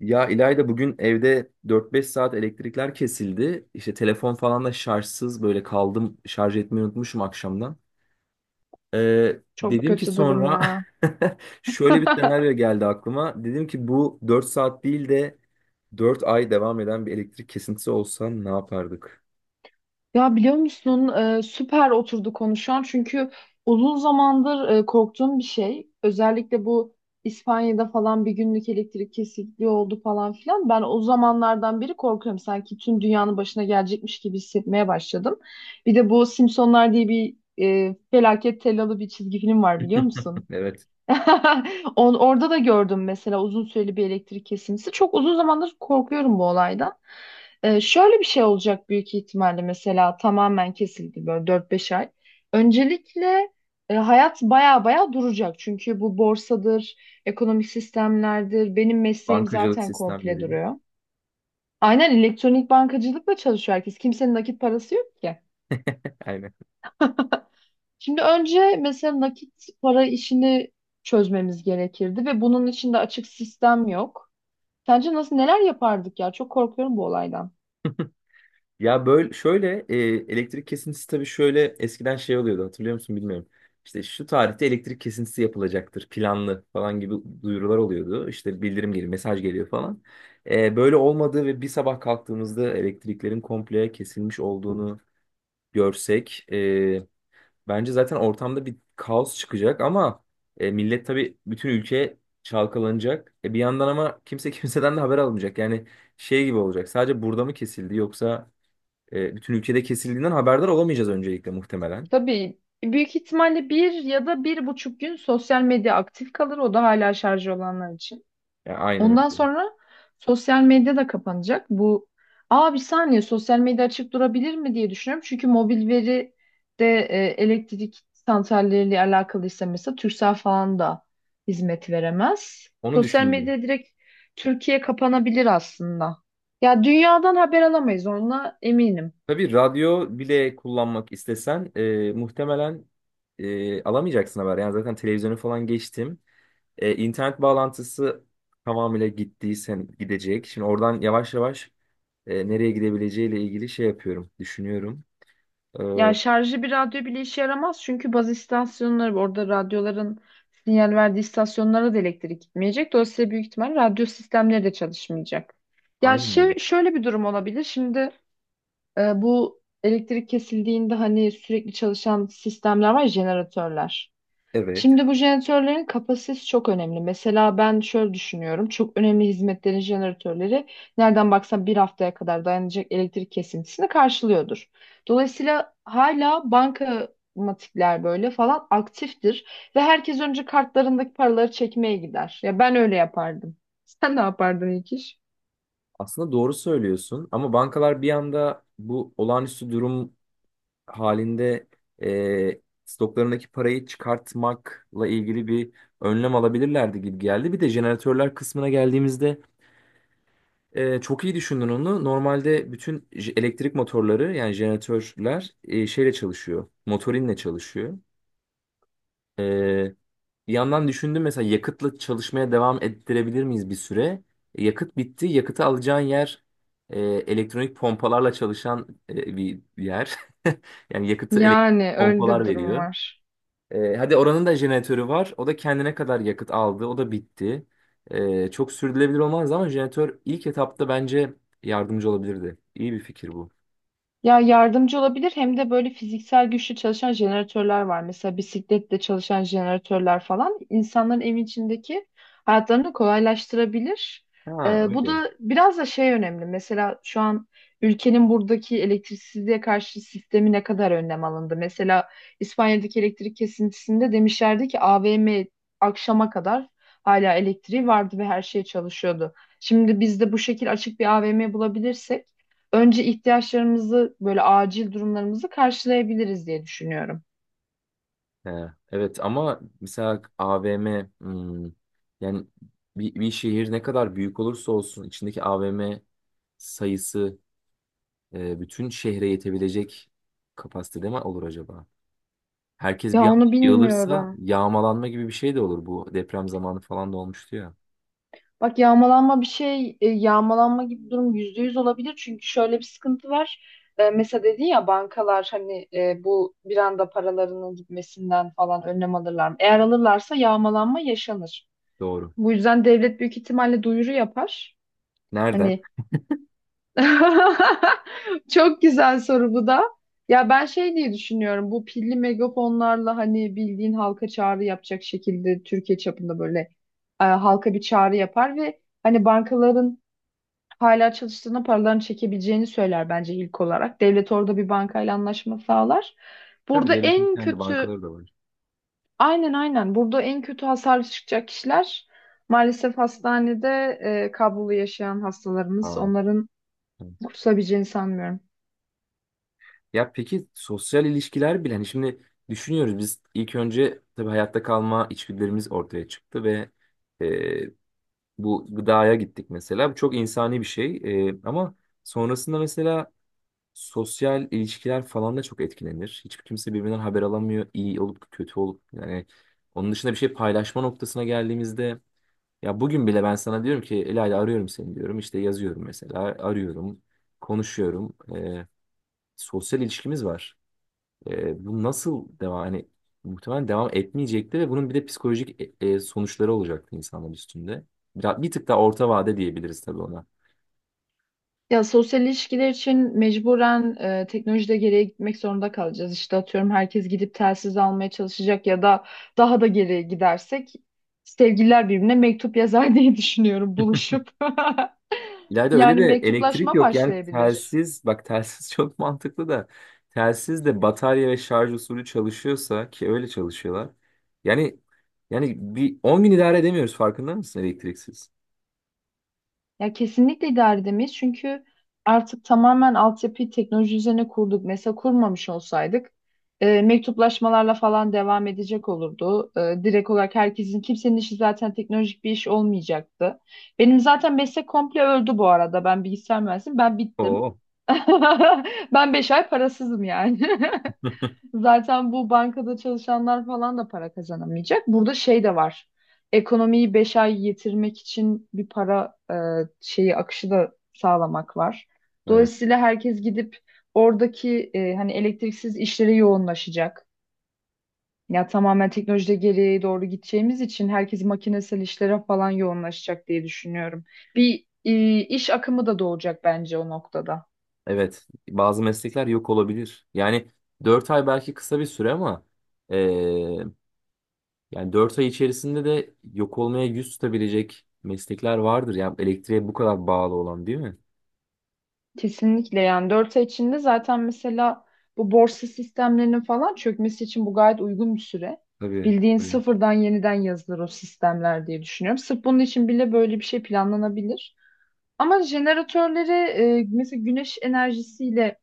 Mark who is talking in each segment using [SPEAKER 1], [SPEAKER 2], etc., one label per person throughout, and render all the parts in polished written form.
[SPEAKER 1] Ya İlayda bugün evde dört beş saat elektrikler kesildi. İşte telefon falan da şarjsız böyle kaldım. Şarj etmeyi unutmuşum akşamdan.
[SPEAKER 2] Çok
[SPEAKER 1] Dedim ki
[SPEAKER 2] kötü durum
[SPEAKER 1] sonra
[SPEAKER 2] ya.
[SPEAKER 1] şöyle bir senaryo geldi aklıma. Dedim ki bu 4 saat değil de 4 ay devam eden bir elektrik kesintisi olsa ne yapardık?
[SPEAKER 2] Ya biliyor musun? Süper oturdu konuşan çünkü uzun zamandır korktuğum bir şey. Özellikle bu İspanya'da falan bir günlük elektrik kesikliği oldu falan filan. Ben o zamanlardan beri korkuyorum. Sanki tüm dünyanın başına gelecekmiş gibi hissetmeye başladım. Bir de bu Simpsonlar diye bir felaket tellalı bir çizgi film var, biliyor musun?
[SPEAKER 1] Evet.
[SPEAKER 2] Orada da gördüm mesela, uzun süreli bir elektrik kesintisi. Çok uzun zamandır korkuyorum bu olaydan. Şöyle bir şey olacak büyük ihtimalle, mesela tamamen kesildi böyle 4 5 ay. Öncelikle hayat baya baya duracak. Çünkü bu borsadır, ekonomik sistemlerdir. Benim mesleğim
[SPEAKER 1] Bankacılık
[SPEAKER 2] zaten komple
[SPEAKER 1] sistemleri.
[SPEAKER 2] duruyor. Aynen, elektronik bankacılıkla çalışıyor herkes. Kimsenin nakit parası yok ki.
[SPEAKER 1] Aynen.
[SPEAKER 2] Şimdi önce mesela nakit para işini çözmemiz gerekirdi ve bunun için de açık sistem yok. Sence nasıl, neler yapardık ya? Çok korkuyorum bu olaydan.
[SPEAKER 1] Ya böyle şöyle elektrik kesintisi tabii şöyle eskiden şey oluyordu hatırlıyor musun bilmiyorum. İşte şu tarihte elektrik kesintisi yapılacaktır planlı falan gibi duyurular oluyordu. İşte bildirim geliyor, mesaj geliyor falan. E, böyle olmadığı ve bir sabah kalktığımızda elektriklerin komple kesilmiş olduğunu görsek, bence zaten ortamda bir kaos çıkacak ama millet tabii bütün ülke çalkalanacak. E, bir yandan ama kimse kimseden de haber almayacak. Yani şey gibi olacak. Sadece burada mı kesildi yoksa bütün ülkede kesildiğinden haberdar olamayacağız öncelikle muhtemelen.
[SPEAKER 2] Tabii büyük ihtimalle bir ya da bir buçuk gün sosyal medya aktif kalır. O da hala şarjı olanlar için.
[SPEAKER 1] Yani aynen
[SPEAKER 2] Ondan
[SPEAKER 1] öyle.
[SPEAKER 2] sonra sosyal medya da kapanacak. Bu aa, bir saniye, sosyal medya açık durabilir mi diye düşünüyorum. Çünkü mobil veri de elektrik santralleriyle alakalıysa, mesela Turkcell falan da hizmet veremez.
[SPEAKER 1] Onu
[SPEAKER 2] Sosyal
[SPEAKER 1] düşündüm.
[SPEAKER 2] medya direkt Türkiye kapanabilir aslında. Ya dünyadan haber alamayız onunla, eminim.
[SPEAKER 1] Tabii radyo bile kullanmak istesen muhtemelen alamayacaksın haber. Yani zaten televizyonu falan geçtim. E, internet bağlantısı tamamıyla gittiysen gidecek. Şimdi oradan yavaş yavaş nereye gidebileceğiyle ilgili şey yapıyorum, düşünüyorum. E,
[SPEAKER 2] Ya şarjlı bir radyo bile işe yaramaz, çünkü baz istasyonları, orada radyoların sinyal verdiği istasyonlara da elektrik gitmeyecek. Dolayısıyla büyük ihtimal radyo sistemleri de çalışmayacak. Ya
[SPEAKER 1] aynen öyle.
[SPEAKER 2] şey, şöyle bir durum olabilir. Şimdi bu elektrik kesildiğinde hani sürekli çalışan sistemler var ya, jeneratörler.
[SPEAKER 1] Evet.
[SPEAKER 2] Şimdi bu jeneratörlerin kapasitesi çok önemli. Mesela ben şöyle düşünüyorum. Çok önemli hizmetlerin jeneratörleri nereden baksan 1 haftaya kadar dayanacak elektrik kesintisini karşılıyordur. Dolayısıyla hala bankamatikler böyle falan aktiftir ve herkes önce kartlarındaki paraları çekmeye gider. Ya ben öyle yapardım. Sen ne yapardın ilk iş?
[SPEAKER 1] Aslında doğru söylüyorsun ama bankalar bir anda bu olağanüstü durum halinde stoklarındaki parayı çıkartmakla ilgili bir önlem alabilirlerdi gibi geldi. Bir de jeneratörler kısmına geldiğimizde çok iyi düşündün onu. Normalde bütün elektrik motorları yani jeneratörler şeyle çalışıyor, motorinle çalışıyor. E, bir yandan düşündüm mesela yakıtla çalışmaya devam ettirebilir miyiz bir süre? Yakıt bitti, yakıtı alacağın yer elektronik pompalarla çalışan bir yer. Yani yakıtı
[SPEAKER 2] Yani
[SPEAKER 1] elektrik
[SPEAKER 2] öyle de
[SPEAKER 1] pompalar
[SPEAKER 2] bir durum
[SPEAKER 1] veriyor.
[SPEAKER 2] var.
[SPEAKER 1] Hadi oranın da jeneratörü var. O da kendine kadar yakıt aldı. O da bitti. Çok sürdürülebilir olmaz ama jeneratör ilk etapta bence yardımcı olabilirdi. İyi bir fikir bu.
[SPEAKER 2] Ya yardımcı olabilir hem de böyle fiziksel güçlü çalışan jeneratörler var. Mesela bisikletle çalışan jeneratörler falan insanların evin içindeki hayatlarını kolaylaştırabilir.
[SPEAKER 1] Ha
[SPEAKER 2] Bu
[SPEAKER 1] öyle.
[SPEAKER 2] da biraz da şey önemli. Mesela şu an ülkenin buradaki elektriksizliğe karşı sistemi, ne kadar önlem alındı? Mesela İspanya'daki elektrik kesintisinde demişlerdi ki AVM akşama kadar hala elektriği vardı ve her şey çalışıyordu. Şimdi biz de bu şekil açık bir AVM bulabilirsek önce ihtiyaçlarımızı, böyle acil durumlarımızı karşılayabiliriz diye düşünüyorum.
[SPEAKER 1] He, evet ama mesela AVM hmm, yani bir şehir ne kadar büyük olursa olsun içindeki AVM sayısı bütün şehre yetebilecek kapasitede mi olur acaba? Herkes
[SPEAKER 2] Ya
[SPEAKER 1] bir anda
[SPEAKER 2] onu
[SPEAKER 1] yığılırsa
[SPEAKER 2] bilmiyorum.
[SPEAKER 1] yağmalanma gibi bir şey de olur bu deprem zamanı falan da olmuştu ya.
[SPEAKER 2] Bak, yağmalanma bir şey, yağmalanma gibi durum %100 olabilir. Çünkü şöyle bir sıkıntı var. E, mesela dedin ya, bankalar hani bu bir anda paralarının gitmesinden falan önlem alırlar mı? Eğer alırlarsa yağmalanma yaşanır.
[SPEAKER 1] Doğru.
[SPEAKER 2] Bu yüzden devlet büyük ihtimalle duyuru yapar.
[SPEAKER 1] Nereden?
[SPEAKER 2] Hani çok güzel soru bu da. Ya ben şey diye düşünüyorum. Bu pilli megafonlarla hani bildiğin halka çağrı yapacak şekilde Türkiye çapında böyle halka bir çağrı yapar ve hani bankaların hala çalıştığına, paralarını çekebileceğini söyler bence ilk olarak. Devlet orada bir bankayla anlaşma sağlar.
[SPEAKER 1] Tabii
[SPEAKER 2] Burada
[SPEAKER 1] devletin
[SPEAKER 2] en
[SPEAKER 1] kendi
[SPEAKER 2] kötü,
[SPEAKER 1] bankaları da var.
[SPEAKER 2] aynen, aynen, burada en kötü hasarlı çıkacak kişiler maalesef hastanede kablolu yaşayan hastalarımız.
[SPEAKER 1] Ha,
[SPEAKER 2] Onların
[SPEAKER 1] evet.
[SPEAKER 2] kurtulabileceğini sanmıyorum.
[SPEAKER 1] Ya peki sosyal ilişkiler bile hani şimdi düşünüyoruz biz ilk önce tabii hayatta kalma içgüdülerimiz ortaya çıktı ve e, bu gıdaya gittik mesela. Bu çok insani bir şey. E, ama sonrasında mesela sosyal ilişkiler falan da çok etkilenir. Hiçbir kimse birbirinden haber alamıyor iyi olup kötü olup yani onun dışında bir şey paylaşma noktasına geldiğimizde. Ya bugün bile ben sana diyorum ki Elayla arıyorum seni diyorum. İşte yazıyorum mesela. Arıyorum. Konuşuyorum. Sosyal ilişkimiz var. Bu nasıl devam? Hani muhtemelen devam etmeyecekti ve bunun bir de psikolojik sonuçları olacaktı insanlar üstünde. Biraz, bir tık daha orta vade diyebiliriz tabii ona.
[SPEAKER 2] Ya sosyal ilişkiler için mecburen teknolojide geriye gitmek zorunda kalacağız. İşte atıyorum herkes gidip telsiz almaya çalışacak ya da daha da geriye gidersek sevgililer birbirine mektup yazar diye düşünüyorum, buluşup.
[SPEAKER 1] İlayda öyle
[SPEAKER 2] Yani
[SPEAKER 1] de elektrik
[SPEAKER 2] mektuplaşma
[SPEAKER 1] yok. Yani
[SPEAKER 2] başlayabilir.
[SPEAKER 1] telsiz, bak telsiz çok mantıklı da telsiz de batarya ve şarj usulü çalışıyorsa ki öyle çalışıyorlar. Yani yani bir 10 gün idare edemiyoruz farkında mısın elektriksiz?
[SPEAKER 2] Ya kesinlikle idare edemeyiz çünkü artık tamamen altyapıyı teknoloji üzerine kurduk. Mesela kurmamış olsaydık mektuplaşmalarla falan devam edecek olurdu. E, direkt olarak herkesin, kimsenin işi zaten teknolojik bir iş olmayacaktı. Benim zaten meslek komple öldü bu arada. Ben bilgisayar mühendisiyim, ben bittim.
[SPEAKER 1] Oo.
[SPEAKER 2] Ben 5 ay parasızım yani. Zaten bu bankada çalışanlar falan da para kazanamayacak. Burada şey de var. Ekonomiyi 5 ay yetirmek için bir para şeyi, akışı da sağlamak var.
[SPEAKER 1] Evet.
[SPEAKER 2] Dolayısıyla herkes gidip oradaki hani elektriksiz işlere yoğunlaşacak. Ya tamamen teknolojide geriye doğru gideceğimiz için herkes makinesel işlere falan yoğunlaşacak diye düşünüyorum. Bir iş akımı da doğacak bence o noktada.
[SPEAKER 1] Evet. Bazı meslekler yok olabilir. Yani 4 ay belki kısa bir süre ama eee, yani 4 ay içerisinde de yok olmaya yüz tutabilecek meslekler vardır. Yani elektriğe bu kadar bağlı olan değil mi?
[SPEAKER 2] Kesinlikle, yani 4 ay içinde zaten mesela bu borsa sistemlerinin falan çökmesi için bu gayet uygun bir süre.
[SPEAKER 1] Tabii.
[SPEAKER 2] Bildiğin
[SPEAKER 1] Tabii.
[SPEAKER 2] sıfırdan yeniden yazılır o sistemler diye düşünüyorum. Sırf bunun için bile böyle bir şey planlanabilir. Ama jeneratörleri mesela güneş enerjisiyle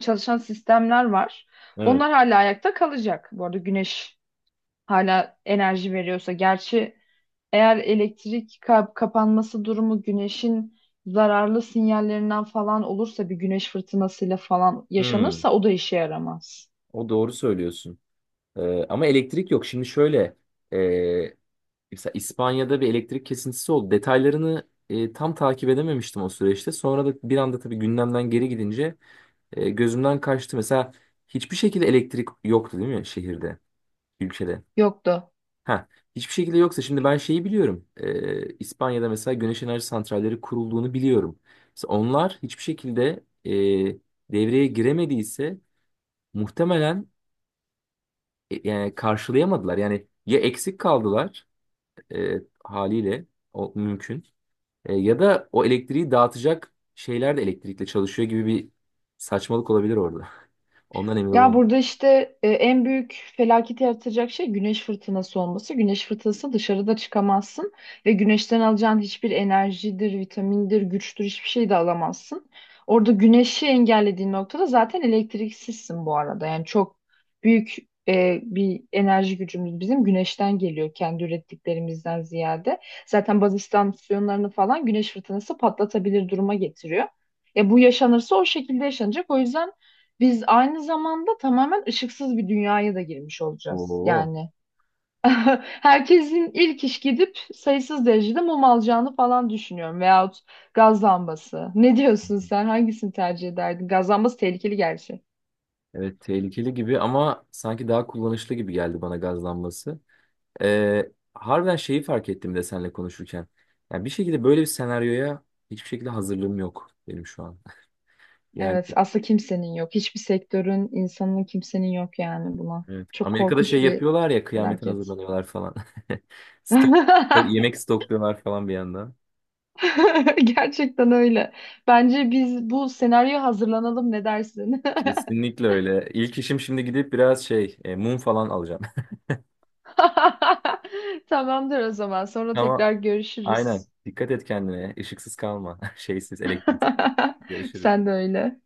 [SPEAKER 2] çalışan sistemler var.
[SPEAKER 1] Evet.
[SPEAKER 2] Onlar hala ayakta kalacak. Bu arada güneş hala enerji veriyorsa. Gerçi eğer elektrik kapanması durumu güneşin zararlı sinyallerinden falan olursa, bir güneş fırtınasıyla falan
[SPEAKER 1] Hmm.
[SPEAKER 2] yaşanırsa o da işe yaramaz.
[SPEAKER 1] O doğru söylüyorsun. Ama elektrik yok. Şimdi şöyle. e, Mesela İspanya'da bir elektrik kesintisi oldu. Detaylarını tam takip edememiştim o süreçte. Sonra da bir anda tabii gündemden geri gidince gözümden kaçtı. Mesela hiçbir şekilde elektrik yoktu değil mi şehirde, ülkede?
[SPEAKER 2] Yoktu.
[SPEAKER 1] Ha, hiçbir şekilde yoksa şimdi ben şeyi biliyorum. E, İspanya'da mesela güneş enerji santralleri kurulduğunu biliyorum. Mesela onlar hiçbir şekilde devreye giremediyse muhtemelen yani karşılayamadılar. Yani ya eksik kaldılar e, haliyle o mümkün. E, ya da o elektriği dağıtacak şeyler de elektrikle çalışıyor gibi bir saçmalık olabilir orada. Ondan emin
[SPEAKER 2] Ya
[SPEAKER 1] olamadım.
[SPEAKER 2] burada işte en büyük felaketi yaratacak şey güneş fırtınası olması. Güneş fırtınası, dışarıda çıkamazsın ve güneşten alacağın hiçbir enerjidir, vitamindir, güçtür, hiçbir şey de alamazsın. Orada güneşi engellediğin noktada zaten elektriksizsin bu arada. Yani çok büyük bir enerji gücümüz bizim güneşten geliyor, kendi ürettiklerimizden ziyade. Zaten baz istasyonlarını falan güneş fırtınası patlatabilir duruma getiriyor. E, bu yaşanırsa o şekilde yaşanacak. O yüzden biz aynı zamanda tamamen ışıksız bir dünyaya da girmiş olacağız.
[SPEAKER 1] Oo.
[SPEAKER 2] Yani herkesin ilk iş gidip sayısız derecede mum alacağını falan düşünüyorum. Veyahut gaz lambası. Ne diyorsun sen? Hangisini tercih ederdin? Gaz lambası tehlikeli gerçi.
[SPEAKER 1] Evet, tehlikeli gibi ama sanki daha kullanışlı gibi geldi bana gazlanması. Harbiden şeyi fark ettim de seninle konuşurken. Yani bir şekilde böyle bir senaryoya hiçbir şekilde hazırlığım yok benim şu an. Yani
[SPEAKER 2] Evet, aslında kimsenin yok. Hiçbir sektörün, insanın, kimsenin yok yani buna.
[SPEAKER 1] evet,
[SPEAKER 2] Çok
[SPEAKER 1] Amerika'da şey
[SPEAKER 2] korkunç bir
[SPEAKER 1] yapıyorlar ya kıyamete
[SPEAKER 2] felaket.
[SPEAKER 1] hazırlanıyorlar falan. Stok, yemek stokluyorlar falan bir yandan.
[SPEAKER 2] Gerçekten öyle. Bence biz bu senaryoya hazırlanalım. Ne dersin?
[SPEAKER 1] Kesinlikle öyle. İlk işim şimdi gidip biraz şey mum falan alacağım.
[SPEAKER 2] Tamamdır o zaman. Sonra
[SPEAKER 1] Ama
[SPEAKER 2] tekrar
[SPEAKER 1] aynen
[SPEAKER 2] görüşürüz.
[SPEAKER 1] dikkat et kendine. Işıksız kalma. Şeysiz, elektriksiz. Görüşürüz.
[SPEAKER 2] Sen de öyle.